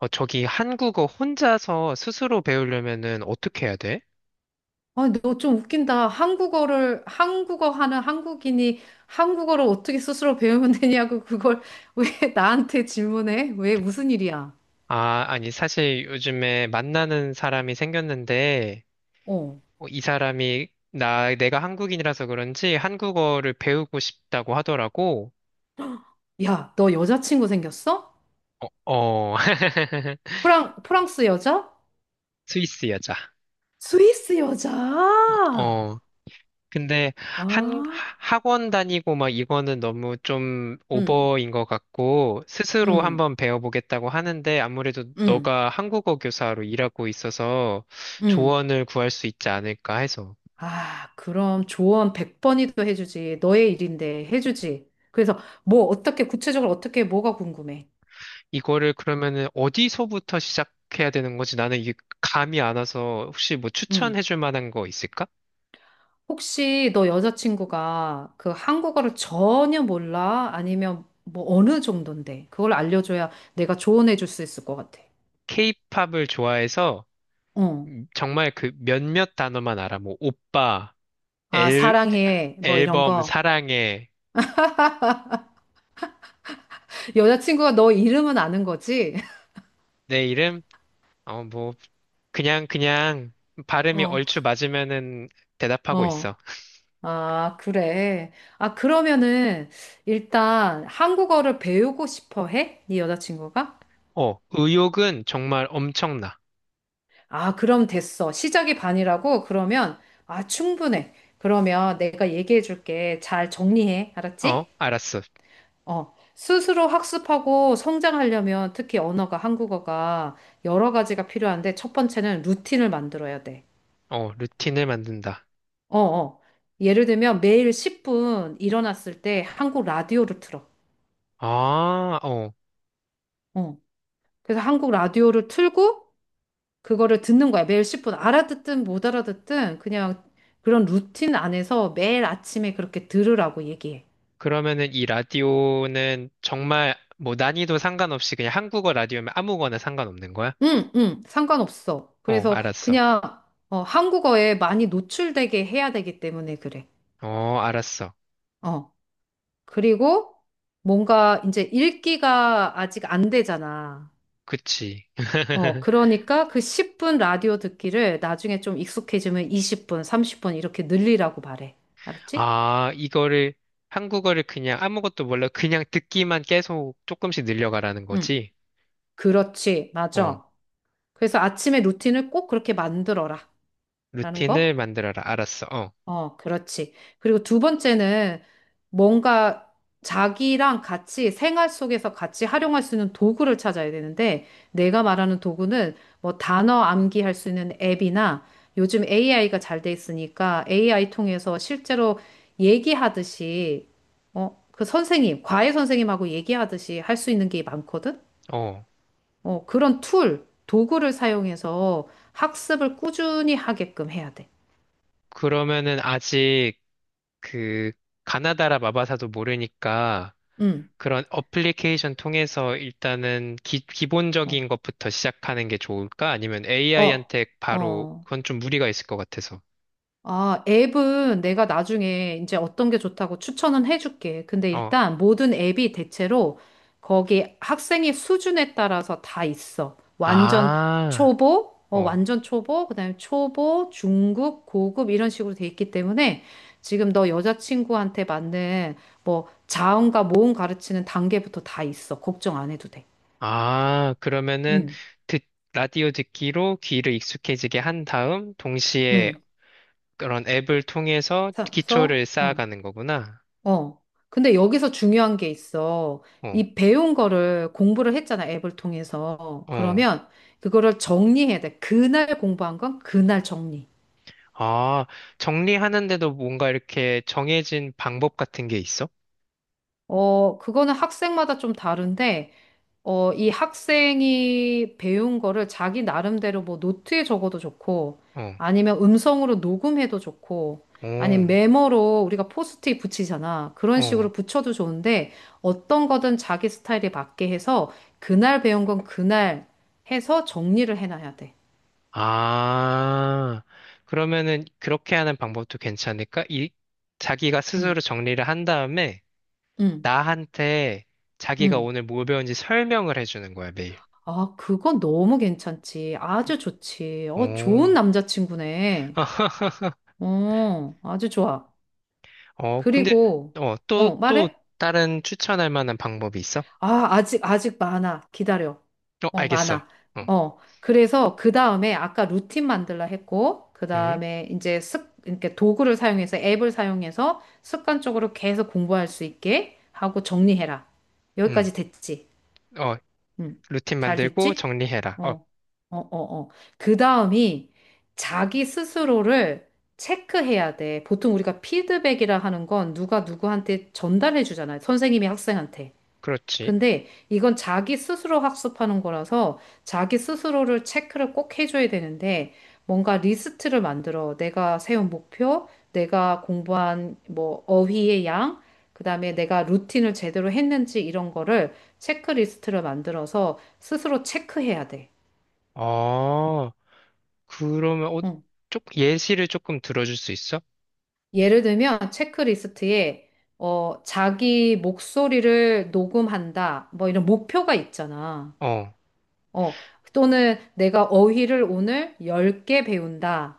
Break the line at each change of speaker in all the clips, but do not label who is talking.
저기 한국어 혼자서 스스로 배우려면은 어떻게 해야 돼?
아, 너 좀 웃긴다. 한국어 하는 한국인이 한국어를 어떻게 스스로 배우면 되냐고 그걸 왜 나한테 질문해? 왜 무슨 일이야?
아, 아니, 사실 요즘에 만나는 사람이 생겼는데,
어.
이 사람이 내가 한국인이라서 그런지 한국어를 배우고 싶다고 하더라고.
야, 너 여자친구 생겼어?
어, 어.
프랑스 여자?
스위스 여자.
스위스 여자?
어. 근데 한
아,
학원 다니고 막 이거는 너무 좀
응,
오버인 것 같고 스스로
응,
한번 배워보겠다고 하는데 아무래도
응,
너가 한국어 교사로 일하고 있어서
응.
조언을 구할 수 있지 않을까 해서
아, 그럼 조언 100번이도 해주지. 너의 일인데 해주지. 그래서 뭐 어떻게 구체적으로 어떻게 뭐가 궁금해?
이거를 그러면은 어디서부터 시작해야 되는 거지? 나는 이게 감이 안 와서 혹시 뭐
응.
추천해줄 만한 거 있을까?
혹시 너 여자친구가 그 한국어를 전혀 몰라? 아니면 뭐 어느 정도인데? 그걸 알려줘야 내가 조언해 줄 수 있을 것 같아.
케이팝을 좋아해서
어.
정말 그 몇몇 단어만 알아. 뭐 오빠,
아,
앨,
사랑해. 뭐 이런
앨범,
거.
사랑해,
여자친구가 너 이름은 아는 거지?
내 이름. 어, 뭐, 그냥 발음이
어,
얼추 맞으면은 대답하고
어.
있어.
아, 그래. 아, 그러면은 일단 한국어를 배우고 싶어 해? 네 여자친구가?
어, 의욕은 정말 엄청나.
아, 그럼 됐어. 시작이 반이라고? 그러면 아, 충분해. 그러면 내가 얘기해 줄게. 잘 정리해.
어,
알았지?
알았어.
어, 스스로 학습하고 성장하려면 특히 언어가 한국어가 여러 가지가 필요한데 첫 번째는 루틴을 만들어야 돼.
어, 루틴을 만든다.
어, 어. 예를 들면 매일 10분 일어났을 때 한국 라디오를 틀어.
아, 어.
어. 그래서 한국 라디오를 틀고 그거를 듣는 거야. 매일 10분 알아듣든 못 알아듣든 그냥 그런 루틴 안에서 매일 아침에 그렇게 들으라고 얘기해.
그러면은 이 라디오는 정말 뭐 난이도 상관없이 그냥 한국어 라디오면 아무거나 상관없는 거야?
응, 응, 상관없어.
어,
그래서
알았어.
그냥 한국어에 많이 노출되게 해야 되기 때문에 그래.
어, 알았어.
어. 그리고 뭔가 이제 읽기가 아직 안 되잖아.
그치.
어, 그러니까 그 10분 라디오 듣기를 나중에 좀 익숙해지면 20분, 30분 이렇게 늘리라고 말해. 알았지?
아, 이거를 한국어를 그냥 아무것도 몰라 그냥 듣기만 계속 조금씩 늘려가라는
응.
거지?
그렇지.
어.
맞아. 그래서 아침에 루틴을 꼭 그렇게 만들어라. 라는
루틴을
거.
만들어라. 알았어. 어.
어, 그렇지. 그리고 두 번째는 뭔가 자기랑 같이 생활 속에서 같이 활용할 수 있는 도구를 찾아야 되는데 내가 말하는 도구는 뭐 단어 암기할 수 있는 앱이나 요즘 AI가 잘 돼 있으니까 AI 통해서 실제로 얘기하듯이 그 선생님, 과외 선생님하고 얘기하듯이 할 수 있는 게 많거든?
어.
그런 툴, 도구를 사용해서 학습을 꾸준히 하게끔 해야 돼.
그러면은 아직 그 가나다라 마바사도 모르니까
응.
그런 어플리케이션 통해서 일단은
어.
기본적인 것부터 시작하는 게 좋을까? 아니면
어.
AI한테 바로
어,
그건 좀 무리가 있을 것 같아서.
아, 앱은 내가 나중에 이제 어떤 게 좋다고 추천은 해줄게. 근데
어.
일단 모든 앱이 대체로 거기 학생의 수준에 따라서 다 있어.
아. 어.
완전 초보, 그다음에 초보, 중급, 고급 이런 식으로 돼 있기 때문에 지금 너 여자친구한테 맞는 뭐 자음과 모음 가르치는 단계부터 다 있어. 걱정 안 해도 돼.
아, 그러면은
응,
듣, 라디오 듣기로 귀를 익숙해지게 한 다음 동시에
응.
그런 앱을 통해서 기초를
그래서
쌓아가는 거구나.
어. 근데 여기서 중요한 게 있어.
어.
이 배운 거를 공부를 했잖아, 앱을 통해서.
어.
그러면 그거를 정리해야 돼. 그날 공부한 건 그날 정리.
아, 정리하는데도 뭔가 이렇게 정해진 방법 같은 게 있어?
어, 그거는 학생마다 좀 다른데, 이 학생이 배운 거를 자기 나름대로 뭐 노트에 적어도 좋고,
어,
아니면 음성으로 녹음해도 좋고,
어,
아니면 메모로 우리가 포스트잇 붙이잖아. 그런
어.
식으로 붙여도 좋은데, 어떤 거든 자기 스타일에 맞게 해서, 그날 배운 건 그날 해서 정리를 해놔야 돼.
아, 그러면은 그렇게 하는 방법도 괜찮을까? 이, 자기가
응,
스스로 정리를 한 다음에
응,
나한테 자기가
응.
오늘 뭘 배운지 설명을 해주는 거야, 매일.
아, 그건 너무 괜찮지. 아주 좋지. 어, 좋은
어,
남자친구네. 어, 아주 좋아.
어, 근데,
그리고,
어, 또
말해?
다른 추천할 만한 방법이 있어?
아, 아직 많아. 기다려.
어,
어,
알겠어.
많아.
어,
어, 그래서 그 다음에 아까 루틴 만들라 했고, 그
음,
다음에 이제 이렇게 도구를 사용해서 앱을 사용해서 습관적으로 계속 공부할 수 있게 하고 정리해라.
음,
여기까지 됐지?
어,
응.
루틴
잘
만들고
됐지?
정리해라. 어,
어, 어, 어, 어. 그 다음이 자기 스스로를 체크해야 돼. 보통 우리가 피드백이라 하는 건 누가 누구한테 전달해 주잖아요. 선생님이 학생한테.
그렇지.
근데 이건 자기 스스로 학습하는 거라서 자기 스스로를 체크를 꼭 해줘야 되는데 뭔가 리스트를 만들어. 내가 세운 목표, 내가 공부한 뭐 어휘의 양, 그다음에 내가 루틴을 제대로 했는지 이런 거를 체크리스트를 만들어서 스스로 체크해야 돼.
아, 그러면, 어,
응.
쪽, 예시를 조금 들어줄 수 있어?
예를 들면 체크리스트에 자기 목소리를 녹음한다. 뭐 이런 목표가 있잖아.
어.
어, 또는 내가 어휘를 오늘 10개 배운다.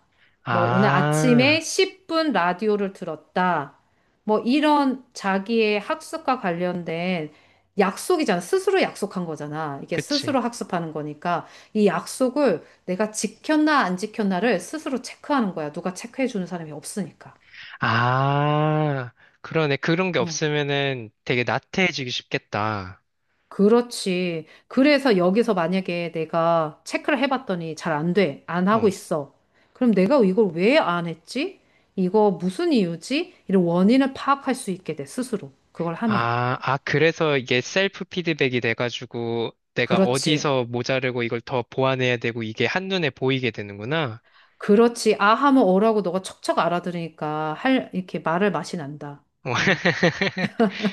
뭐, 오늘
아,
아침에 10분 라디오를 들었다. 뭐, 이런 자기의 학습과 관련된 약속이잖아. 스스로 약속한 거잖아. 이게
그치.
스스로 학습하는 거니까. 이 약속을 내가 지켰나 안 지켰나를 스스로 체크하는 거야. 누가 체크해 주는 사람이 없으니까.
아, 그러네. 그런 게
어.
없으면은 되게 나태해지기 쉽겠다.
그렇지. 그래서 여기서 만약에 내가 체크를 해봤더니 잘 안 돼. 안 하고
어.
있어. 그럼 내가 이걸 왜 안 했지? 이거 무슨 이유지? 이런 원인을 파악할 수 있게 돼, 스스로. 그걸 하면.
아, 아, 그래서 이게 셀프 피드백이 돼가지고 내가
그렇지.
어디서 모자르고 이걸 더 보완해야 되고 이게 한눈에 보이게 되는구나.
그렇지. 아 하면 어라고 너가 척척 알아들으니까 이렇게 말을 맛이 난다.
어.
음.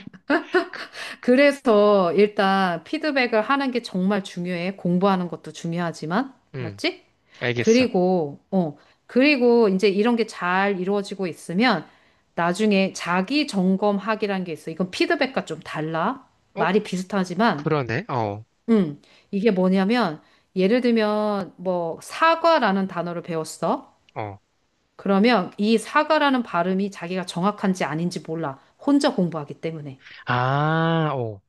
그래서 일단 피드백을 하는 게 정말 중요해. 공부하는 것도 중요하지만.
음,
알았지?
알겠어.
그리고, 어, 그리고 이제 이런 게 잘 이루어지고 있으면 나중에 자기 점검학이라는 게 있어. 이건 피드백과 좀 달라.
어,
말이 비슷하지만,
그러네. 어,
음, 이게 뭐냐면, 예를 들면, 뭐, 사과라는 단어를 배웠어.
어.
그러면 이 사과라는 발음이 자기가 정확한지 아닌지 몰라. 혼자 공부하기 때문에.
아, 어.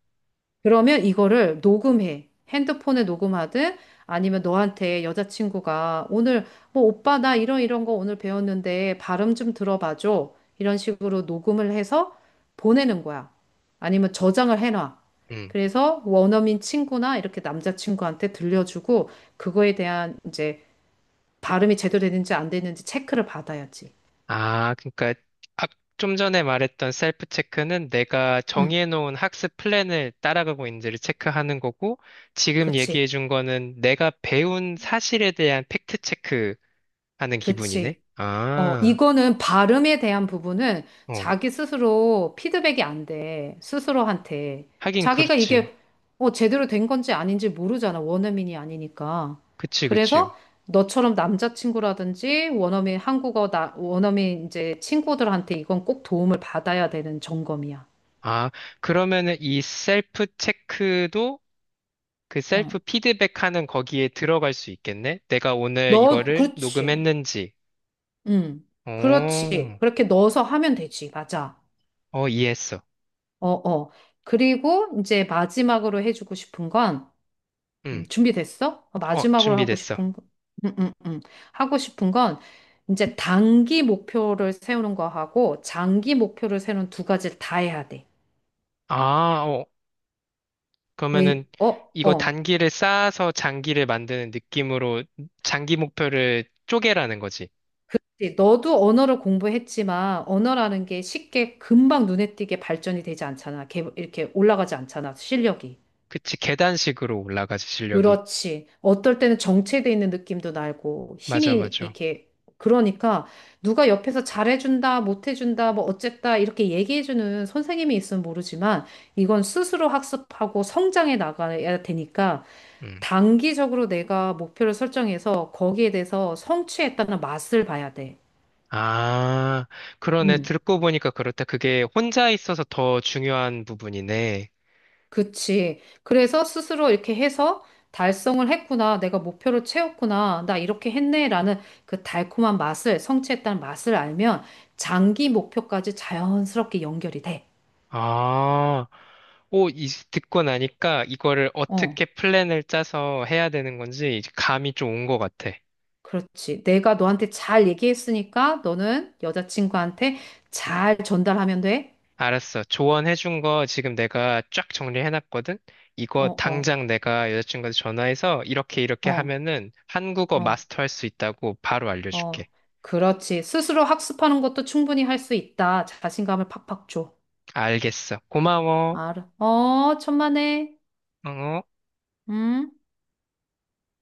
그러면 이거를 녹음해. 핸드폰에 녹음하든 아니면 너한테 여자친구가 오늘 뭐 오빠 나 이런 거 오늘 배웠는데 발음 좀 들어봐줘. 이런 식으로 녹음을 해서 보내는 거야. 아니면 저장을 해놔. 그래서 원어민 친구나 이렇게 남자친구한테 들려주고 그거에 대한 이제 발음이 제대로 되는지 안 되는지 체크를 받아야지.
아, 그러니까 아, 좀 전에 말했던 셀프 체크는 내가
응,
정해놓은 학습 플랜을 따라가고 있는지를 체크하는 거고, 지금
그치,
얘기해준 거는 내가 배운 사실에 대한 팩트 체크하는 기분이네.
그치. 어,
아,
이거는 발음에 대한 부분은
어,
자기 스스로 피드백이 안 돼. 스스로한테.
하긴
자기가
그렇지.
이게 제대로 된 건지 아닌지 모르잖아. 원어민이 아니니까.
그치, 그치.
그래서 너처럼 남자친구라든지 원어민 이제 친구들한테 이건 꼭 도움을 받아야 되는 점검이야.
아, 그러면은 이 셀프 체크도 그 셀프
응.
피드백하는 거기에 들어갈 수 있겠네? 내가 오늘
너,
이거를
그렇지.
녹음했는지.
응. 그렇지.
오,
그렇게 넣어서 하면 되지. 맞아.
어, 이해했어.
어, 어. 그리고, 이제 마지막으로 해주고 싶은 건
응.
준비됐어?
어,
마지막으로 하고
준비됐어.
싶은 거, 음, 음, 음. 하고 싶은 건 이제 단기 목표를 세우는 거하고 장기 목표를 세우는 두 가지를 다 해야 돼.
아, 어,
왜,
그러면은
어,
이거
어.
단기를 쌓아서 장기를 만드는 느낌으로 장기 목표를 쪼개라는 거지.
이제 너도 언어를 공부했지만 언어라는 게 쉽게 금방 눈에 띄게 발전이 되지 않잖아. 이렇게 올라가지 않잖아. 실력이.
그치, 계단식으로 올라가지, 실력이.
그렇지. 어떨 때는 정체돼 있는 느낌도 나고
맞아,
힘이
맞아.
이렇게 그러니까 누가 옆에서 잘해준다, 못해준다, 뭐 어쨌다 이렇게 얘기해주는 선생님이 있으면 모르지만 이건 스스로 학습하고 성장해 나가야 되니까
음.
단기적으로 내가 목표를 설정해서 거기에 대해서 성취했다는 맛을 봐야 돼.
아, 그러네.
음.
듣고 보니까 그렇다. 그게 혼자 있어서 더 중요한 부분이네.
그치. 그래서 스스로 이렇게 해서 달성을 했구나. 내가 목표를 채웠구나. 나 이렇게 했네라는 그 달콤한 맛을, 성취했다는 맛을 알면 장기 목표까지 자연스럽게 연결이 돼.
아, 오, 이, 듣고 나니까 이거를
어,
어떻게 플랜을 짜서 해야 되는 건지 이제 감이 좀 온 것 같아.
그렇지. 내가 너한테 잘 얘기했으니까 너는 여자친구한테 잘 전달하면 돼.
알았어. 조언해준 거 지금 내가 쫙 정리해놨거든?
어,
이거
어,
당장 내가 여자친구한테 전화해서 이렇게 이렇게
어,
하면은 한국어
어,
마스터할 수 있다고 바로 알려줄게.
어. 그렇지. 스스로 학습하는 것도 충분히 할 수 있다. 자신감을 팍팍 줘.
알겠어. 고마워.
알아. 어, 천만에.
어?
음.